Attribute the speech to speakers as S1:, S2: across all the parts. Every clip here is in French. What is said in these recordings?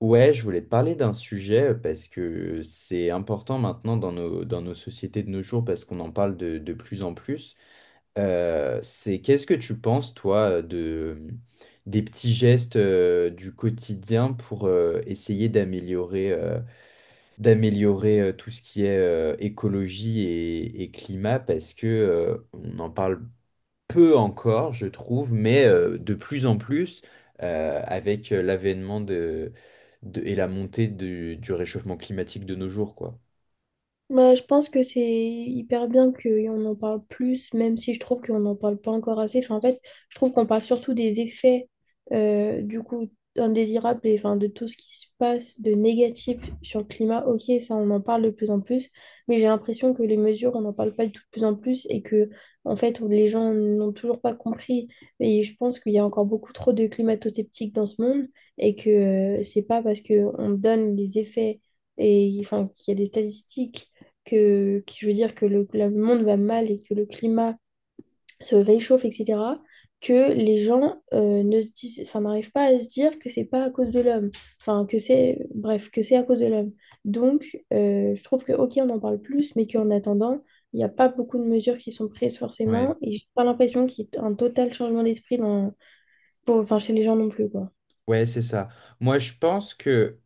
S1: Ouais, je voulais te parler d'un sujet parce que c'est important maintenant dans dans nos sociétés de nos jours parce qu'on en parle de plus en plus. C'est qu'est-ce que tu penses, toi, de des petits gestes du quotidien pour essayer d'améliorer tout ce qui est écologie et climat parce que on en parle peu encore, je trouve, mais de plus en plus, avec l'avènement et la montée du réchauffement climatique de nos jours, quoi.
S2: Bah, je pense que c'est hyper bien qu'on en parle plus, même si je trouve qu'on n'en parle pas encore assez. Enfin, en fait, je trouve qu'on parle surtout des effets du coup indésirables et enfin, de tout ce qui se passe de négatif sur le climat. Ok, ça, on en parle de plus en plus, mais j'ai l'impression que les mesures, on n'en parle pas de tout de plus en plus et que, en fait, les gens n'ont toujours pas compris. Et je pense qu'il y a encore beaucoup trop de climato-sceptiques dans ce monde et que c'est pas parce qu'on donne les effets et enfin, qu'il y a des statistiques que je veux dire que le monde va mal et que le climat se réchauffe, etc., que les gens ne se disent, enfin, n'arrivent pas à se dire que c'est pas à cause de l'homme, enfin, que c'est, bref, que c'est à cause de l'homme. Donc, je trouve que, ok, on en parle plus, mais qu'en attendant, il n'y a pas beaucoup de mesures qui sont prises
S1: Ouais.
S2: forcément, et j'ai pas l'impression qu'il y ait un total changement d'esprit dans, pour, enfin, chez les gens non plus, quoi.
S1: Ouais, c'est ça. Moi, je pense que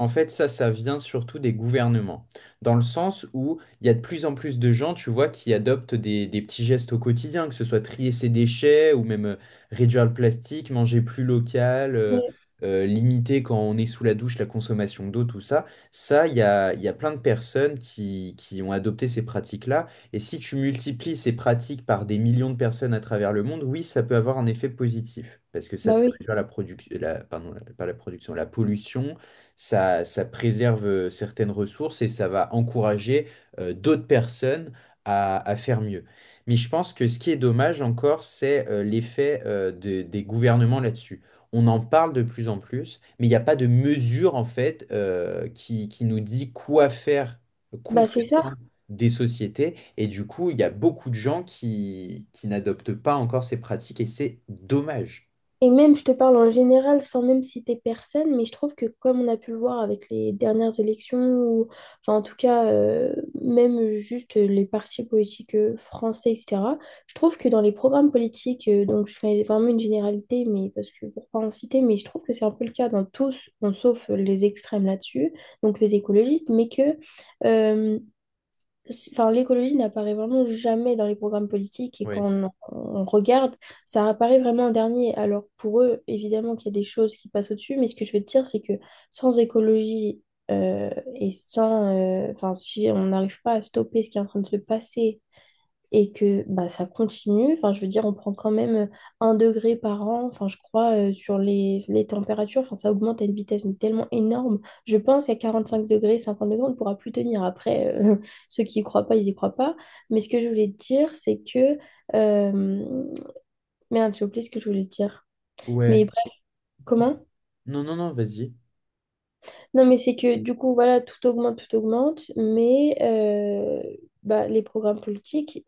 S1: En fait, ça vient surtout des gouvernements, dans le sens où il y a de plus en plus de gens, tu vois, qui adoptent des petits gestes au quotidien, que ce soit trier ses déchets ou même réduire le plastique, manger plus local,
S2: Oui.
S1: limiter quand on est sous la douche la consommation d'eau, tout ça. Ça, il y a plein de personnes qui ont adopté ces pratiques-là. Et si tu multiplies ces pratiques par des millions de personnes à travers le monde, oui, ça peut avoir un effet positif, parce que ça
S2: Bah
S1: peut
S2: oui,
S1: réduire la production, la, pardon, la- pas la production, la pollution, ça préserve certaines ressources et ça va encourager d'autres personnes à faire mieux. Mais je pense que ce qui est dommage encore, c'est des gouvernements là-dessus. On en parle de plus en plus, mais il n'y a pas de mesure en fait qui nous dit quoi faire
S2: bah c'est ça.
S1: concrètement des sociétés. Et du coup, il y a beaucoup de gens qui n'adoptent pas encore ces pratiques et c'est dommage.
S2: Et même, je te parle en général sans même citer personne, mais je trouve que comme on a pu le voir avec les dernières élections, ou enfin en tout cas même juste les partis politiques français, etc., je trouve que dans les programmes politiques, donc je fais vraiment une généralité, mais parce que pour pas en citer, mais je trouve que c'est un peu le cas dans tous, bon, sauf les extrêmes là-dessus, donc les écologistes, mais que euh, c'est- Enfin, l'écologie n'apparaît vraiment jamais dans les programmes politiques et quand
S1: Oui.
S2: on regarde, ça apparaît vraiment en dernier. Alors pour eux, évidemment qu'il y a des choses qui passent au-dessus, mais ce que je veux te dire, c'est que sans écologie euh, et sans... Enfin, si on n'arrive pas à stopper ce qui est en train de se passer et que bah, ça continue. Enfin, je veux dire, on prend quand même un degré par an, enfin, je crois, sur les températures. Enfin, ça augmente à une vitesse mais tellement énorme. Je pense qu'à 45 degrés, 50 degrés, on ne pourra plus tenir. Après, ceux qui y croient pas, ils y croient pas. Mais ce que je voulais te dire, c'est que... euh, Merde, j'ai oublié ce que je voulais te dire.
S1: Ouais.
S2: Mais bref, comment?
S1: Non, non, non, vas-y.
S2: Non, mais c'est que du coup, voilà, tout augmente, mais bah, les programmes politiques,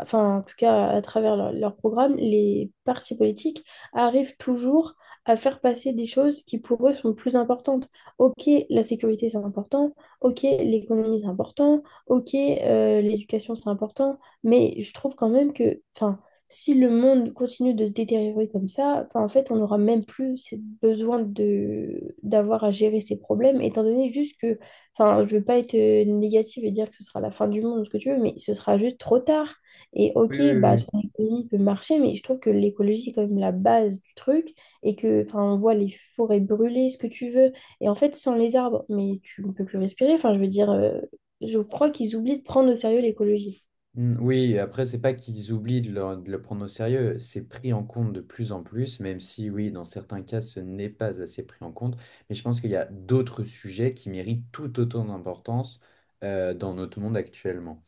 S2: enfin, en tout cas, à travers leur- leurs programmes, les partis politiques arrivent toujours à faire passer des choses qui pour eux sont plus importantes. Ok, la sécurité, c'est important, ok, l'économie, c'est important, ok, l'éducation, c'est important, mais je trouve quand même que, enfin, si le monde continue de se détériorer comme ça, enfin, en fait, on n'aura même plus ce besoin de d'avoir à gérer ces problèmes, étant donné juste que, enfin, je veux pas être négative et dire que ce sera la fin du monde ou ce que tu veux, mais ce sera juste trop tard. Et
S1: Oui,
S2: ok,
S1: oui,
S2: bah,
S1: oui.
S2: ton économie peut marcher, mais je trouve que l'écologie, c'est quand même la base du truc, et que, enfin, on voit les forêts brûler, ce que tu veux, et en fait, sans les arbres, mais tu ne peux plus respirer, enfin, je veux dire, je crois qu'ils oublient de prendre au sérieux l'écologie.
S1: Oui, après, c'est pas qu'ils oublient de le prendre au sérieux, c'est pris en compte de plus en plus, même si, oui, dans certains cas, ce n'est pas assez pris en compte. Mais je pense qu'il y a d'autres sujets qui méritent tout autant d'importance dans notre monde actuellement.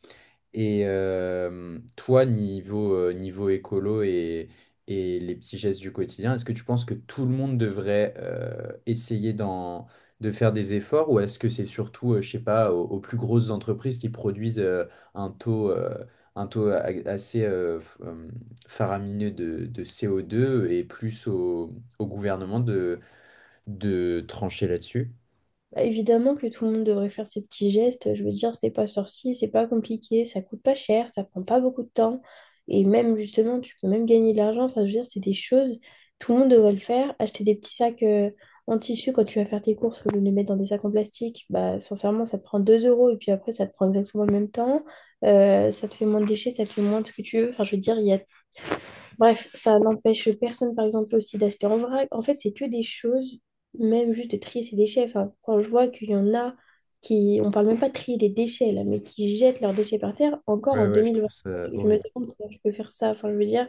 S1: Et toi, niveau écolo et les petits gestes du quotidien, est-ce que tu penses que tout le monde devrait de faire des efforts ou est-ce que c'est surtout, je sais pas, aux plus grosses entreprises qui produisent un taux, euh, un taux a- assez f- faramineux de CO2 et plus au gouvernement de trancher là-dessus?
S2: Bah, évidemment que tout le monde devrait faire ces petits gestes. Je veux dire, c'est pas sorcier, c'est pas compliqué, ça coûte pas cher, ça prend pas beaucoup de temps. Et même, justement, tu peux même gagner de l'argent. Enfin, je veux dire, c'est des choses, tout le monde devrait le faire. Acheter des petits sacs en tissu quand tu vas faire tes courses, au lieu de les mettre dans des sacs en plastique, bah, sincèrement, ça te prend 2 € et puis après, ça te prend exactement le même temps. Ça te fait moins de déchets, ça te fait moins de ce que tu veux. Enfin, je veux dire, il y a Bref, ça n'empêche personne, par exemple, aussi d'acheter en vrac. En fait, c'est que des choses, même juste de trier ses déchets. Enfin, quand je vois qu'il y en a qui, on parle même pas de trier des déchets, là, mais qui jettent leurs déchets par terre, encore
S1: Ouais,
S2: en
S1: ouais, je trouve ça
S2: 2025, je me
S1: horrible.
S2: demande comment je peux faire ça. Enfin, je veux dire,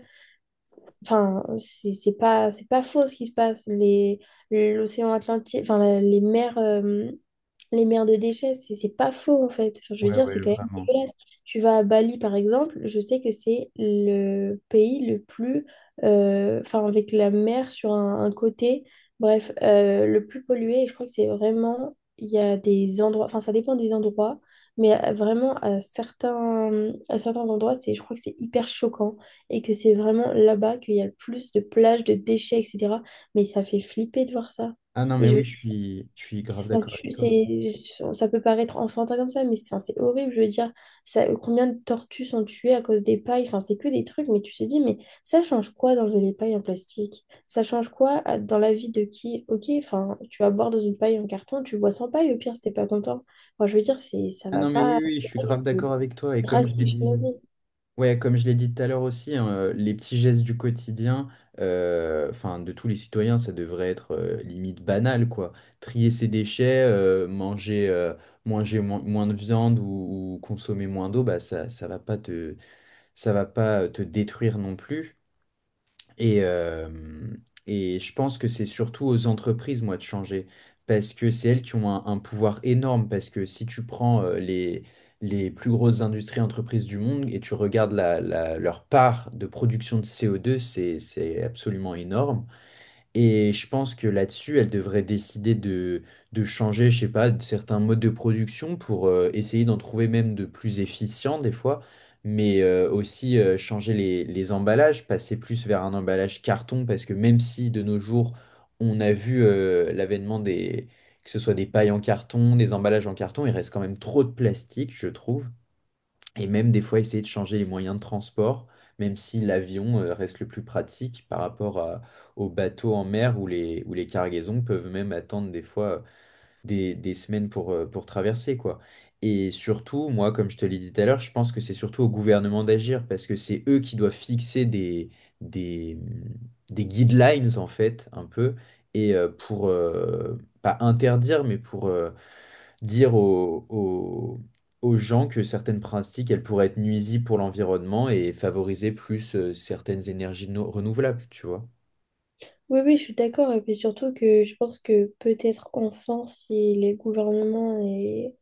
S2: Enfin, c'est pas, c'est pas faux ce qui se passe. Les, l'océan Atlantique, enfin, la- les mers de déchets, c'est pas faux en fait. Enfin, je veux
S1: Ouais,
S2: dire, c'est
S1: ouais,
S2: quand même
S1: vraiment.
S2: dégueulasse. Tu vas à Bali par exemple, je sais que c'est le pays le plus, enfin, avec la mer sur un côté, bref, le plus pollué. Et je crois que c'est vraiment, il y a des endroits, enfin, ça dépend des endroits, mais vraiment à certains endroits, c'est, je crois que c'est hyper choquant et que c'est vraiment là-bas qu'il y a le plus de plages, de déchets, etc. Mais ça fait flipper de voir ça.
S1: Ah non, mais
S2: Et je
S1: oui,
S2: veux dire,
S1: je suis grave
S2: ça,
S1: d'accord
S2: tue-
S1: avec toi.
S2: c'est, ça peut paraître enfantin comme ça, mais c'est enfin, c'est horrible. Je veux dire, ça, combien de tortues sont tuées à cause des pailles? Enfin, c'est que des trucs, mais tu te dis, mais ça change quoi d'enlever les pailles en plastique? Ça change quoi à- dans la vie de qui? Ok, enfin, tu vas boire dans une paille en carton, tu bois sans paille, au pire, si t'es pas content. Moi, je veux dire, c'est, ça
S1: Ah
S2: va
S1: non, mais
S2: pas,
S1: oui, oui, je suis grave
S2: c'est
S1: d'accord avec toi.
S2: drastique sur la vie.
S1: Comme je l'ai dit tout à l'heure aussi, hein, les petits gestes du quotidien, enfin, de tous les citoyens, ça devrait être limite banal, quoi. Trier ses déchets, manger moins de viande ou consommer moins d'eau, bah, ça va pas te détruire non plus. Et, euh, et je pense que c'est surtout aux entreprises, moi, de changer, parce que c'est elles qui ont un pouvoir énorme, parce que si tu prends les plus grosses industries entreprises du monde et tu regardes leur part de production de CO2, c'est absolument énorme. Et je pense que là-dessus, elle devrait décider de changer, je sais pas, de certains modes de production pour essayer d'en trouver même de plus efficients des fois, mais aussi changer les emballages, passer plus vers un emballage carton, parce que même si de nos jours, on a vu l'avènement que ce soit des pailles en carton, des emballages en carton, il reste quand même trop de plastique, je trouve. Et même des fois, essayer de changer les moyens de transport, même si l'avion reste le plus pratique par rapport aux bateaux en mer où où les cargaisons peuvent même attendre des fois des semaines pour traverser, quoi. Et surtout, moi, comme je te l'ai dit tout à l'heure, je pense que c'est surtout au gouvernement d'agir parce que c'est eux qui doivent fixer des, mm, des guidelines, en fait, un peu, et euh, pour, euh, pas interdire, mais pour... dire aux, aux- aux gens que certaines pratiques, elles pourraient être nuisibles pour l'environnement et favoriser plus certaines énergies no- renouvelables, tu vois.
S2: Oui, oui, je suis d'accord. Et puis surtout que je pense que peut-être enfin, si les gouvernements et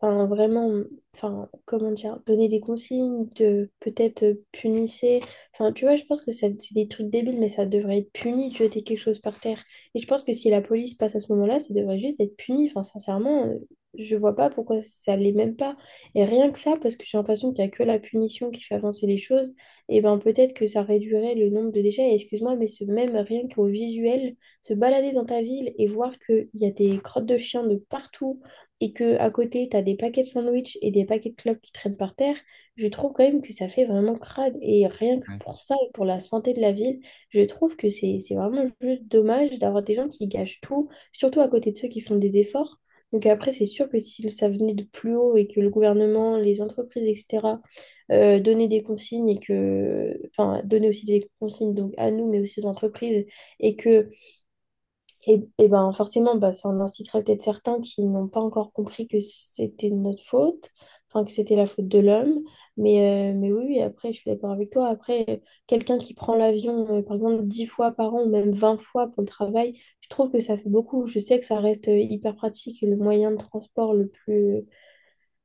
S2: enfin, vraiment, enfin, comment dire, donner des consignes, de peut-être punissez. Enfin, tu vois, je pense que ça- c'est des trucs débiles, mais ça devrait être puni de jeter quelque chose par terre. Et je pense que si la police passe à ce moment-là, ça devrait juste être puni. Enfin, sincèrement, je vois pas pourquoi ça l'est même pas. Et rien que ça, parce que j'ai l'impression qu'il y a que la punition qui fait avancer les choses et ben peut-être que ça réduirait le nombre de déchets. Et excuse-moi, mais ce même rien qu'au visuel, se balader dans ta ville et voir qu'il y a des crottes de chiens de partout et que à côté, tu as des paquets de sandwich et des paquets de clopes qui traînent par terre, je trouve quand même que ça fait vraiment crade. Et rien que pour ça et pour la santé de la ville, je trouve que c'est vraiment juste dommage d'avoir des gens qui gâchent tout, surtout à côté de ceux qui font des efforts. Donc après, c'est sûr que si ça venait de plus haut et que le gouvernement, les entreprises, etc., donner des consignes et que, enfin, donner aussi des consignes donc à nous, mais aussi aux entreprises, et que, et ben forcément, bah, ça en incitera peut-être certains qui n'ont pas encore compris que c'était de notre faute, enfin que c'était la faute de l'homme. Mais oui, oui, après, je suis d'accord avec toi. Après, quelqu'un qui prend l'avion, par exemple, 10 fois par an ou même 20 fois pour le travail, je trouve que ça fait beaucoup. Je sais que ça reste hyper pratique, le moyen de transport le plus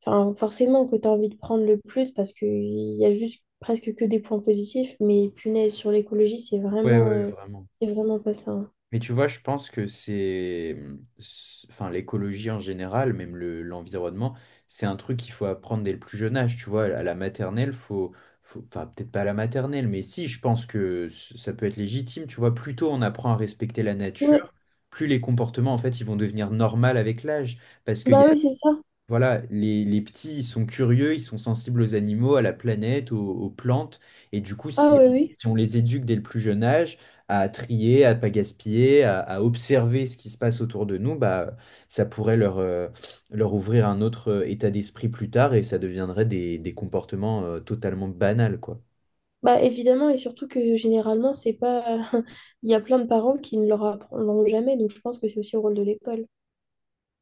S2: Enfin, forcément que tu as envie de prendre le plus parce qu'il y a juste presque que des points positifs, mais punaise, sur l'écologie,
S1: Ouais, ouais, vraiment.
S2: c'est vraiment pas ça. Hein.
S1: Mais tu vois, je pense que enfin, l'écologie en général, même l'environnement, c'est un truc qu'il faut apprendre dès le plus jeune âge. Tu vois, à la maternelle, faut, enfin, peut-être pas à la maternelle, mais si, je pense que ça peut être légitime. Tu vois, plus tôt on apprend à respecter la
S2: Ouais,
S1: nature, plus les comportements, en fait, ils vont devenir normaux avec l'âge. Parce qu'il y a
S2: bah oui, c'est ça.
S1: Voilà, les petits, ils sont curieux, ils sont sensibles aux animaux, à la planète, aux plantes. Et du coup,
S2: Ah oui, oui.
S1: si on les éduque dès le plus jeune âge à trier, à pas gaspiller, à observer ce qui se passe autour de nous, bah, ça pourrait leur ouvrir un autre état d'esprit plus tard et ça deviendrait des comportements totalement banals, quoi.
S2: Bah évidemment, et surtout que généralement, c'est pas. Il y a plein de parents qui ne leur apprendront jamais, donc je pense que c'est aussi au rôle de l'école.